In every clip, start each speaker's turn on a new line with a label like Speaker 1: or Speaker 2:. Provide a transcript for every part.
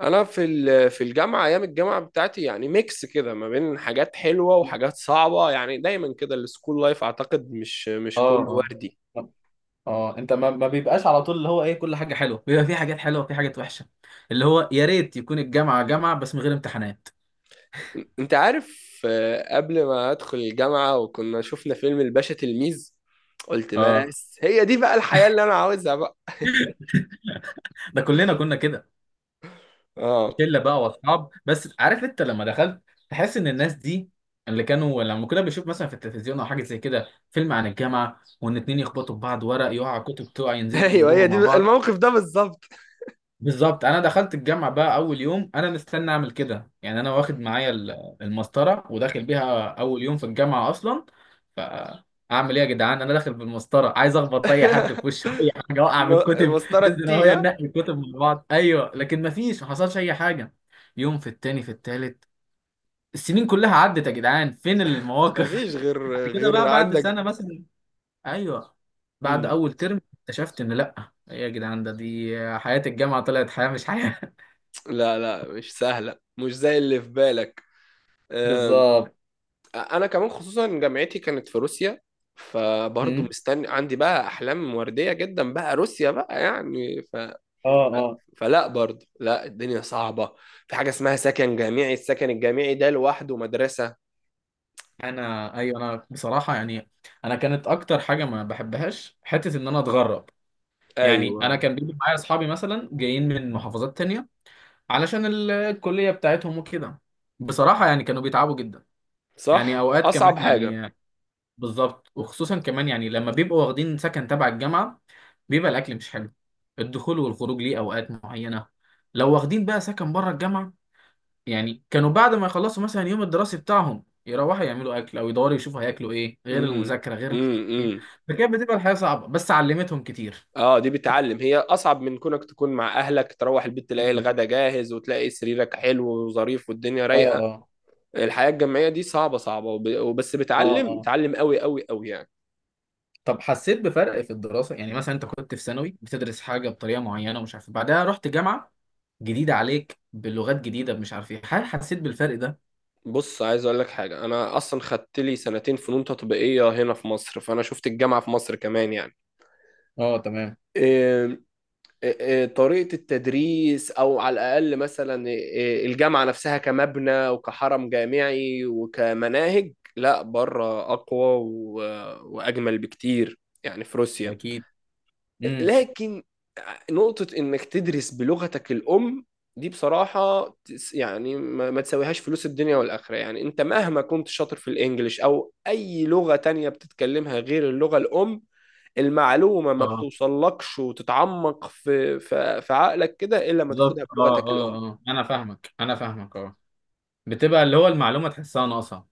Speaker 1: انا في الجامعه، ايام الجامعه بتاعتي، يعني ميكس كده ما بين حاجات حلوه وحاجات صعبه. يعني دايما كده السكول لايف اعتقد مش كله
Speaker 2: اه.
Speaker 1: وردي.
Speaker 2: اه. اه. انت ما بيبقاش على طول، اللي هو ايه، كل حاجه حلوه. بيبقى في حاجات حلوه وفي حاجات وحشه. اللي هو يا ريت يكون الجامعه جامعه بس من غير امتحانات.
Speaker 1: انت عارف، قبل ما ادخل الجامعه وكنا شفنا فيلم الباشا تلميذ، قلت:
Speaker 2: اه.
Speaker 1: بس هي دي بقى الحياه اللي انا عاوزها بقى.
Speaker 2: ده كلنا كنا كده.
Speaker 1: اه.
Speaker 2: شله بقى واصحاب، بس عارف انت لما دخلت تحس ان الناس دي اللي كانوا لما كنا بنشوف مثلا في التلفزيون او حاجه زي كده فيلم عن الجامعه، وان اتنين يخبطوا في بعض، ورق يقع، كتب تقع، ينزلوا
Speaker 1: ايوه، هي
Speaker 2: يجيبوها مع
Speaker 1: دي
Speaker 2: بعض.
Speaker 1: الموقف ده بالظبط.
Speaker 2: بالظبط. انا دخلت الجامعه بقى اول يوم انا مستني اعمل كده، يعني انا واخد معايا المسطره وداخل بيها اول يوم في الجامعه اصلا. فاعمل ايه يا جدعان، انا داخل بالمسطره عايز اخبط اي حد في وشه اي حاجه اوقع من الكتب.
Speaker 1: المسطره
Speaker 2: ننزل اهو
Speaker 1: التي ها.
Speaker 2: ننقي الكتب مع بعض، ايوه، لكن ما فيش، ما حصلش اي حاجه. يوم، في التاني، في التالت، السنين كلها عدت يا جدعان، فين المواقف
Speaker 1: مفيش غير،
Speaker 2: بعد كده
Speaker 1: غير
Speaker 2: بقى بعد
Speaker 1: عندك.
Speaker 2: سنه مثلا. ايوه. بعد
Speaker 1: مم.
Speaker 2: اول ترم اكتشفت ان لا، ايه يا جدعان، ده دي حياه الجامعه طلعت حياه مش حياه.
Speaker 1: لا لا، مش سهله، مش زي اللي في بالك.
Speaker 2: بالظبط.
Speaker 1: انا كمان، خصوصا جامعتي كانت في روسيا، فبرضه
Speaker 2: مم.
Speaker 1: مستني عندي بقى احلام ورديه جدا بقى روسيا بقى يعني.
Speaker 2: اه. اه.
Speaker 1: فلا، برضه لا، الدنيا صعبه. في حاجه اسمها سكن جامعي، السكن الجامعي ده لوحده مدرسه.
Speaker 2: انا، ايوه، انا بصراحه يعني، انا كانت اكتر حاجه ما بحبهاش حته ان انا اتغرب. يعني انا
Speaker 1: ايوه،
Speaker 2: كان بيجي معايا اصحابي مثلا جايين من محافظات تانية علشان الكليه بتاعتهم وكده. بصراحه يعني كانوا بيتعبوا جدا. يعني
Speaker 1: صح،
Speaker 2: اوقات كمان،
Speaker 1: اصعب حاجه.
Speaker 2: يعني بالظبط، وخصوصا كمان يعني لما بيبقوا واخدين سكن تبع الجامعه، بيبقى الاكل مش حلو، الدخول والخروج ليه اوقات معينه. لو واخدين بقى سكن بره الجامعه، يعني كانوا بعد ما يخلصوا مثلا يوم الدراسي بتاعهم يروحوا يعملوا اكل او يدوروا يشوفوا هياكلوا ايه، غير
Speaker 1: امم،
Speaker 2: المذاكره، غير مش عارف ايه.
Speaker 1: امم.
Speaker 2: فكانت بتبقى الحياه صعبه بس علمتهم كتير.
Speaker 1: اه، دي بتعلم، هي اصعب من كونك تكون مع اهلك تروح البيت تلاقي
Speaker 2: مم.
Speaker 1: الغدا جاهز وتلاقي سريرك حلو وظريف والدنيا
Speaker 2: اه.
Speaker 1: رايقه.
Speaker 2: اه.
Speaker 1: الحياه الجامعيه دي صعبه صعبه، وبس
Speaker 2: اه.
Speaker 1: بتعلم
Speaker 2: اه.
Speaker 1: بتعلم قوي قوي قوي يعني.
Speaker 2: طب حسيت بفرق في الدراسه؟ يعني مثلا انت كنت في ثانوي بتدرس حاجه بطريقه معينه ومش عارف إيه، بعدها رحت جامعه جديده عليك بلغات جديده مش عارف ايه، هل حسيت بالفرق ده؟
Speaker 1: بص، عايز اقول لك حاجه. انا اصلا خدت لي سنتين فنون تطبيقيه هنا في مصر، فانا شفت الجامعه في مصر كمان يعني.
Speaker 2: اه تمام.
Speaker 1: إيه- طريقه التدريس، او على الاقل مثلا الجامعه نفسها كمبنى وكحرم جامعي وكمناهج، لا، بره اقوى واجمل بكتير يعني، في روسيا.
Speaker 2: اكيد. امم.
Speaker 1: لكن نقطة إنك تدرس بلغتك الأم، دي بصراحة يعني ما تساويهاش فلوس الدنيا والآخرة. يعني أنت مهما كنت شاطر في الإنجليش أو أي لغة تانية بتتكلمها غير اللغة الأم، المعلومة ما
Speaker 2: اه.
Speaker 1: بتوصلكش وتتعمق في عقلك كده إلا ما تاخدها
Speaker 2: بالظبط. اه.
Speaker 1: بلغتك الأم.
Speaker 2: اه. اه. انا فاهمك، انا فاهمك. اه. بتبقى اللي هو المعلومه تحسها ناقصه.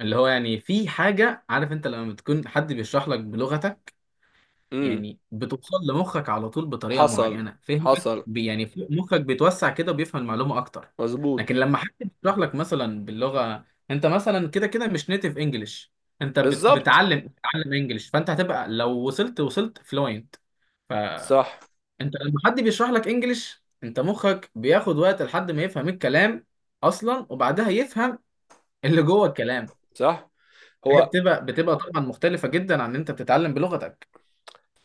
Speaker 2: اللي هو يعني في حاجة، عارف انت لما بتكون حد بيشرح لك بلغتك
Speaker 1: امم.
Speaker 2: يعني بتوصل لمخك على طول بطريقة
Speaker 1: حصل،
Speaker 2: معينة، فهمك؟
Speaker 1: حصل،
Speaker 2: يعني مخك بيتوسع كده وبيفهم المعلومة أكتر.
Speaker 1: مظبوط،
Speaker 2: لكن لما حد بيشرح لك مثلا باللغة، انت مثلا كده كده مش نيتيف انجلش، انت
Speaker 1: بالظبط،
Speaker 2: بتعلم بتتعلم انجلش، فانت هتبقى لو وصلت، وصلت فلوينت.
Speaker 1: صح،
Speaker 2: فانت لما حد بيشرح لك انجلش انت مخك بياخد وقت لحد ما يفهم الكلام اصلا، وبعدها يفهم اللي جوه الكلام.
Speaker 1: صح.
Speaker 2: هي
Speaker 1: هو
Speaker 2: بتبقى طبعا مختلفة جدا عن ان انت بتتعلم بلغتك.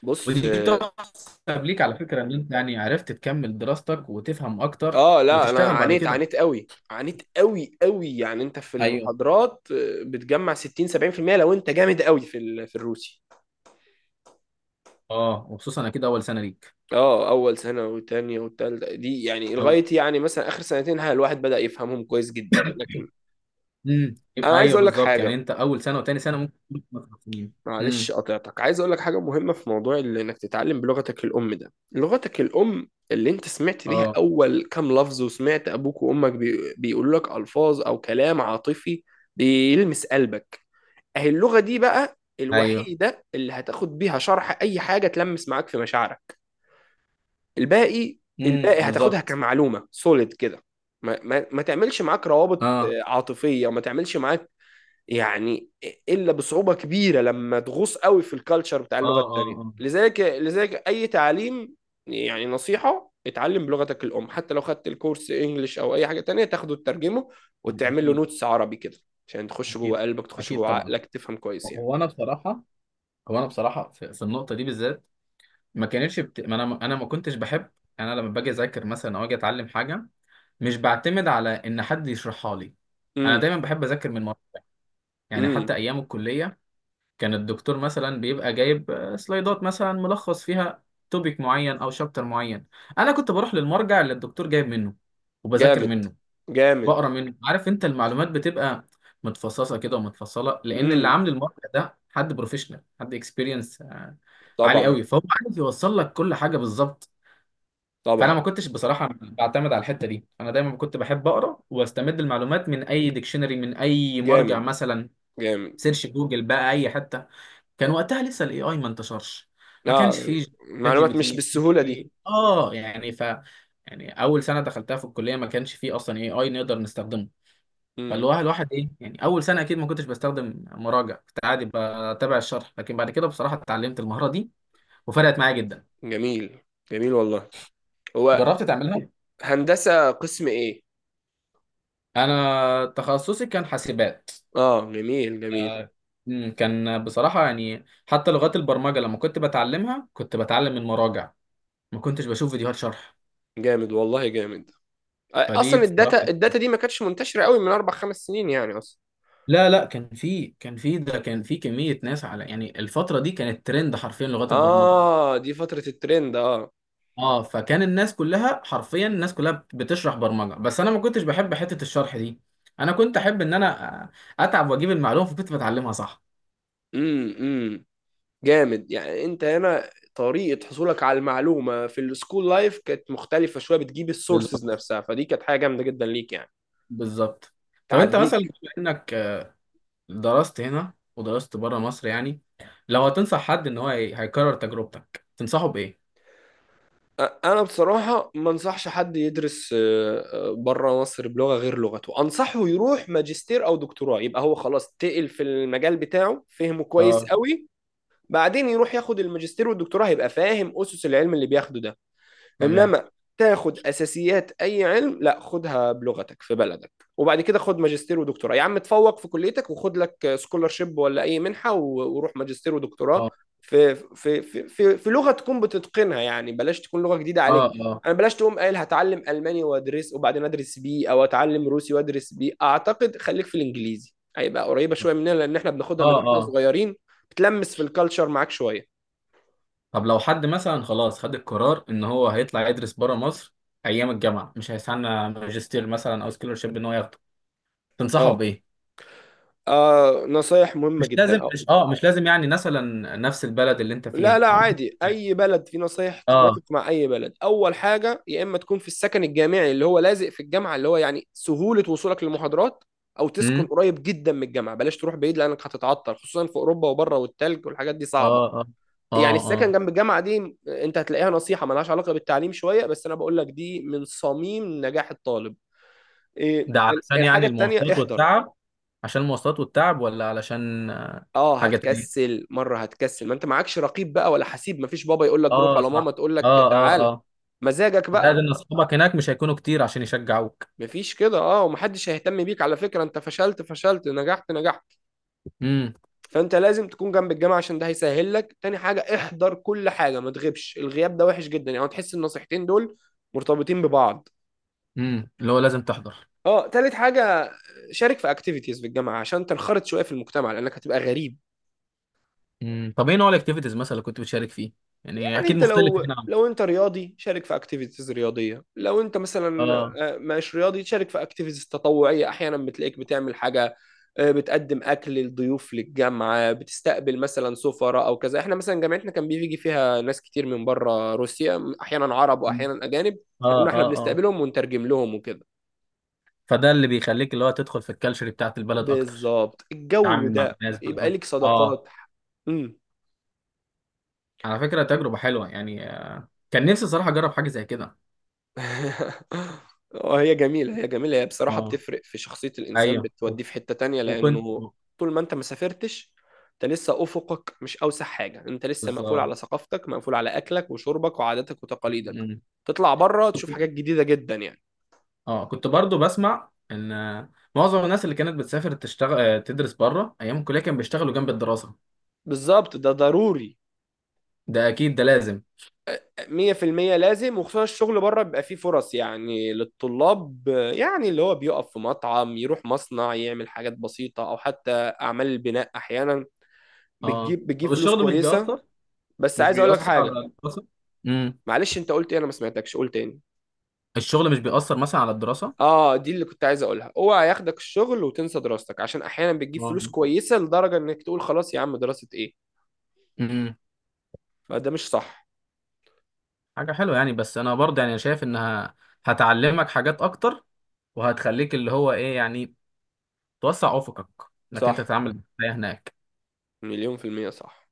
Speaker 1: بص
Speaker 2: ودي
Speaker 1: آه،
Speaker 2: تقرب ليك على فكرة ان انت يعني عرفت تكمل دراستك وتفهم اكتر
Speaker 1: اه لا، انا
Speaker 2: وتشتغل بعد
Speaker 1: عانيت،
Speaker 2: كده.
Speaker 1: عانيت قوي، عانيت قوي قوي، يعني انت في
Speaker 2: ايوه.
Speaker 1: المحاضرات بتجمع 60 70% لو انت جامد قوي في الروسي.
Speaker 2: اه، وخصوصا اكيد اول سنة ليك.
Speaker 1: اه، اول سنه والتانيه والتالته دي يعني
Speaker 2: أو...
Speaker 1: لغايه يعني مثلا اخر سنتين، ها، الواحد بدأ يفهمهم كويس جدا، لكن
Speaker 2: امم.
Speaker 1: انا عايز
Speaker 2: ايوه
Speaker 1: اقول لك
Speaker 2: بالظبط، يعني
Speaker 1: حاجه.
Speaker 2: انت اول سنة وتاني سنة ممكن تكون في مصر سنين.
Speaker 1: معلش،
Speaker 2: امم.
Speaker 1: قطعتك، عايز اقول لك حاجه مهمه في موضوع انك تتعلم بلغتك الام. ده لغتك الام اللي انت سمعت بيها
Speaker 2: اه
Speaker 1: اول كام لفظ، وسمعت ابوك وامك بيقولوا لك الفاظ او كلام عاطفي، بيلمس قلبك. اهي اللغة دي بقى
Speaker 2: ايوه.
Speaker 1: الوحيدة اللي هتاخد بيها شرح أي حاجة تلمس معاك في مشاعرك. الباقي،
Speaker 2: امم.
Speaker 1: الباقي هتاخدها
Speaker 2: بالظبط.
Speaker 1: كمعلومة سوليد كده. ما تعملش معاك روابط
Speaker 2: اه.
Speaker 1: عاطفية، وما تعملش معاك يعني إلا بصعوبة كبيرة لما تغوص قوي في الكالتشر بتاع اللغة
Speaker 2: اه.
Speaker 1: التانية.
Speaker 2: اه.
Speaker 1: لذلك أي تعليم، يعني نصيحة: اتعلم بلغتك الأم، حتى لو خدت الكورس إنجليش أو أي حاجة تانية تاخده تترجمه،
Speaker 2: اه.
Speaker 1: وتعمل له
Speaker 2: اكيد.
Speaker 1: نوتس عربي كده عشان تخش
Speaker 2: اكيد
Speaker 1: جوه قلبك، تخش
Speaker 2: اكيد
Speaker 1: جوه
Speaker 2: طبعا.
Speaker 1: عقلك، تفهم كويس يعني.
Speaker 2: هو انا بصراحة هو انا بصراحة في النقطة دي بالذات، ما كانتش بت... ما انا انا ما كنتش بحب. انا لما باجي اذاكر مثلا او اجي اتعلم حاجه مش بعتمد على ان حد يشرحها لي. انا
Speaker 1: امم،
Speaker 2: دايما بحب اذاكر من مره. يعني
Speaker 1: امم.
Speaker 2: حتى ايام الكليه كان الدكتور مثلا بيبقى جايب سلايدات مثلا ملخص فيها توبيك معين او شابتر معين، انا كنت بروح للمرجع اللي الدكتور جايب منه وبذاكر
Speaker 1: جامد
Speaker 2: منه،
Speaker 1: جامد.
Speaker 2: بقرا منه. عارف انت المعلومات بتبقى متفصصه كده ومتفصله لان اللي
Speaker 1: امم.
Speaker 2: عامل المرجع ده حد بروفيشنال، حد اكسبيرينس عالي
Speaker 1: طبعا،
Speaker 2: قوي، فهو عارف يوصل لك كل حاجه بالظبط.
Speaker 1: طبعا.
Speaker 2: فانا ما كنتش بصراحه بعتمد على الحته دي، انا دايما كنت بحب اقرا واستمد المعلومات من اي ديكشنري من اي مرجع
Speaker 1: جامد
Speaker 2: مثلا،
Speaker 1: جامد.
Speaker 2: سيرش جوجل بقى اي حته. كان وقتها لسه الاي اي ما انتشرش، ما كانش
Speaker 1: اه،
Speaker 2: فيه شات جي بي
Speaker 1: معلومات مش
Speaker 2: تي، ما كانش
Speaker 1: بالسهولة دي.
Speaker 2: فيه، اه يعني، ف يعني اول سنه دخلتها في الكليه ما كانش فيه اصلا اي اي نقدر نستخدمه. فاللي
Speaker 1: امم.
Speaker 2: هو الواحد ايه يعني، اول سنه اكيد ما كنتش بستخدم مراجع، كنت عادي بتابع الشرح، لكن بعد كده بصراحه اتعلمت المهاره دي وفرقت معايا جدا.
Speaker 1: جميل، جميل والله. هو
Speaker 2: جربت تعملها؟
Speaker 1: هندسة قسم ايه؟
Speaker 2: انا تخصصي كان حاسبات.
Speaker 1: اه، جميل جميل.
Speaker 2: آه، كان بصراحة يعني حتى لغات البرمجة لما كنت بتعلمها كنت بتعلم من مراجع، ما كنتش بشوف فيديوهات شرح.
Speaker 1: جامد والله جامد.
Speaker 2: فدي
Speaker 1: اصلا
Speaker 2: بصراحة.
Speaker 1: الداتا، الداتا دي ما كانتش منتشرة قوي من 4-5 سنين يعني، اصلا.
Speaker 2: لا لا، كان في كمية ناس على، يعني الفترة دي كانت ترند حرفيا لغات البرمجة.
Speaker 1: اه، دي فترة الترند. اه.
Speaker 2: اه، فكان الناس كلها حرفيا، الناس كلها بتشرح برمجة، بس انا ما كنتش بحب حتة الشرح دي. انا كنت احب ان انا اتعب واجيب المعلومة، فكنت بتعلمها صح.
Speaker 1: امم. جامد. يعني انت هنا طريقة حصولك على المعلومة في السكول لايف كانت مختلفة شوية، بتجيب السورسز
Speaker 2: بالظبط.
Speaker 1: نفسها، فدي كانت حاجة جامدة جدا ليك يعني.
Speaker 2: بالظبط. طب انت مثلا
Speaker 1: تعديك.
Speaker 2: بما انك درست هنا ودرست بره مصر، يعني لو هتنصح حد ان هو هيكرر تجربتك، تنصحه بايه؟
Speaker 1: انا بصراحة ما انصحش حد يدرس بره مصر بلغة غير لغته. انصحه يروح ماجستير او دكتوراه، يبقى هو خلاص تقل في المجال بتاعه، فهمه كويس
Speaker 2: اه
Speaker 1: قوي. بعدين يروح ياخد الماجستير والدكتوراه، هيبقى فاهم اسس العلم اللي بياخده ده.
Speaker 2: تمام.
Speaker 1: انما تاخد اساسيات اي علم، لا، خدها بلغتك في بلدك. وبعد كده خد ماجستير ودكتوراه، يا عم تفوق في كليتك وخد لك سكولارشيب ولا اي منحه وروح ماجستير ودكتوراه
Speaker 2: اه.
Speaker 1: في لغه تكون بتتقنها يعني، بلاش تكون لغه جديده
Speaker 2: اه.
Speaker 1: عليك.
Speaker 2: اه.
Speaker 1: انا بلاش تقوم قايل هتعلم الماني وادرس وبعدين ادرس بيه، او اتعلم روسي وادرس بيه. اعتقد خليك في الانجليزي، هيبقى قريبه شويه مننا لان احنا بناخدها من
Speaker 2: اه.
Speaker 1: واحنا
Speaker 2: اه.
Speaker 1: صغيرين، بتلمس في الكالتشر معاك شويه.
Speaker 2: طب لو حد مثلا خلاص خد القرار ان هو هيطلع يدرس بره مصر ايام الجامعه، مش هيستنى ماجستير مثلا او سكولرشيب ان هو ياخده، تنصحه
Speaker 1: اه.
Speaker 2: بايه؟
Speaker 1: نصايح مهمة
Speaker 2: مش
Speaker 1: جدا
Speaker 2: لازم
Speaker 1: آه.
Speaker 2: مش اه مش لازم يعني مثلا نفس البلد اللي انت
Speaker 1: لا
Speaker 2: فيها.
Speaker 1: لا، عادي اي بلد، في نصايح
Speaker 2: اه.
Speaker 1: تتوافق مع اي بلد. اول حاجه: يا اما تكون في السكن الجامعي اللي هو لازق في الجامعه، اللي هو يعني سهوله وصولك للمحاضرات، او تسكن
Speaker 2: امم.
Speaker 1: قريب جدا من الجامعه. بلاش تروح بعيد لانك هتتعطل، خصوصا في اوروبا وبره، والتلج والحاجات دي صعبه.
Speaker 2: اه. اه.
Speaker 1: يعني
Speaker 2: اه.
Speaker 1: السكن
Speaker 2: اه.
Speaker 1: جنب الجامعه دي، انت هتلاقيها نصيحه ملهاش علاقه بالتعليم شويه، بس انا بقول لك دي من صميم نجاح الطالب. إيه،
Speaker 2: ده علشان
Speaker 1: الحاجه
Speaker 2: يعني
Speaker 1: التانيه:
Speaker 2: المواصلات
Speaker 1: احضر.
Speaker 2: والتعب. عشان المواصلات والتعب ولا علشان
Speaker 1: اه،
Speaker 2: حاجة تانية؟
Speaker 1: هتكسل، مره هتكسل. ما انت معكش رقيب بقى ولا حسيب، مفيش بابا يقول لك روح
Speaker 2: اه
Speaker 1: ولا ماما
Speaker 2: صح.
Speaker 1: تقول لك
Speaker 2: اه. اه.
Speaker 1: تعالى،
Speaker 2: اه.
Speaker 1: مزاجك
Speaker 2: زائد
Speaker 1: بقى.
Speaker 2: ان اصحابك هناك مش هيكونوا كتير عشان يشجعوك.
Speaker 1: مفيش كده. اه، ومحدش هيهتم بيك على فكرة، انت فشلت فشلت، نجحت نجحت.
Speaker 2: امم.
Speaker 1: فانت لازم تكون جنب الجامعة عشان ده هيسهل لك. تاني حاجة: احضر كل حاجة، ما تغيبش. الغياب ده وحش جدا، يعني تحس النصيحتين دول مرتبطين ببعض.
Speaker 2: امم. اللي هو لازم تحضر.
Speaker 1: اه، تالت حاجة: شارك في اكتيفيتيز في الجامعة، عشان تنخرط شوية في المجتمع لانك هتبقى غريب.
Speaker 2: امم. طب ايه نوع الاكتيفيتيز مثلا اللي كنت بتشارك فيه؟ يعني
Speaker 1: يعني
Speaker 2: اكيد
Speaker 1: انت،
Speaker 2: مختلف
Speaker 1: لو
Speaker 2: هنا عن...
Speaker 1: لو انت رياضي، شارك في اكتيفيتيز رياضيه. لو انت مثلا
Speaker 2: اه.
Speaker 1: مش رياضي، شارك في اكتيفيتيز تطوعيه. احيانا بتلاقيك بتعمل حاجه، بتقدم اكل للضيوف للجامعه، بتستقبل مثلا سفراء او كذا. احنا مثلا جامعتنا كان بيجي فيها ناس كتير من بره روسيا، احيانا عرب
Speaker 2: مم.
Speaker 1: واحيانا اجانب،
Speaker 2: اه.
Speaker 1: فكنا احنا
Speaker 2: اه. اه.
Speaker 1: بنستقبلهم ونترجم لهم وكده.
Speaker 2: فده اللي بيخليك اللي هو تدخل في الكالتشر بتاعت البلد اكتر،
Speaker 1: بالظبط. الجو
Speaker 2: تتعامل مع
Speaker 1: ده
Speaker 2: الناس
Speaker 1: يبقى
Speaker 2: بقى.
Speaker 1: ليك
Speaker 2: اه.
Speaker 1: صداقات. امم.
Speaker 2: على فكرة تجربة حلوة، يعني كان نفسي صراحة اجرب حاجة زي كده.
Speaker 1: اه، هي جميلة، هي جميلة. هي بصراحة
Speaker 2: اه.
Speaker 1: بتفرق في شخصية الإنسان،
Speaker 2: ايوه.
Speaker 1: بتوديه في حتة تانية
Speaker 2: وكنت.
Speaker 1: لأنه طول ما أنت ما سافرتش، أنت لسه أفقك مش أوسع حاجة، أنت لسه مقفول
Speaker 2: بالظبط.
Speaker 1: على ثقافتك، مقفول على أكلك وشربك وعاداتك وتقاليدك.
Speaker 2: مم.
Speaker 1: تطلع بره تشوف حاجات جديدة جدا يعني.
Speaker 2: اه، كنت برضو بسمع ان معظم الناس اللي كانت بتسافر تشتغل، تدرس بره ايام الكليه، كانوا بيشتغلوا جنب الدراسه.
Speaker 1: بالظبط، ده ضروري.
Speaker 2: ده اكيد، ده لازم.
Speaker 1: 100% لازم، وخصوصا الشغل بره بيبقى فيه فرص يعني للطلاب. يعني اللي هو بيقف في مطعم، يروح مصنع يعمل حاجات بسيطة، أو حتى أعمال البناء أحيانا.
Speaker 2: اه.
Speaker 1: بتجيب بتجيب
Speaker 2: طب
Speaker 1: فلوس
Speaker 2: الشغل مش
Speaker 1: كويسة.
Speaker 2: بيأثر؟
Speaker 1: بس
Speaker 2: مش
Speaker 1: عايز اقول لك
Speaker 2: بيأثر على
Speaker 1: حاجه.
Speaker 2: الدراسه؟ امم.
Speaker 1: معلش، انت قلت ايه؟ انا ما سمعتكش، قول تاني.
Speaker 2: الشغل مش بيأثر مثلا على الدراسه؟
Speaker 1: اه، دي اللي كنت عايز اقولها. اوعى ياخدك الشغل وتنسى دراستك، عشان احيانا بتجيب فلوس
Speaker 2: اه.
Speaker 1: كويسه لدرجه انك تقول: خلاص يا عم، دراسه ايه؟
Speaker 2: امم.
Speaker 1: فده مش صح.
Speaker 2: حاجه حلوه يعني، بس انا برضه يعني شايف انها هتعلمك حاجات اكتر، وهتخليك اللي هو ايه يعني توسع افقك، انك
Speaker 1: صح،
Speaker 2: انت تتعامل بالحياه هناك.
Speaker 1: مليون في المية صح.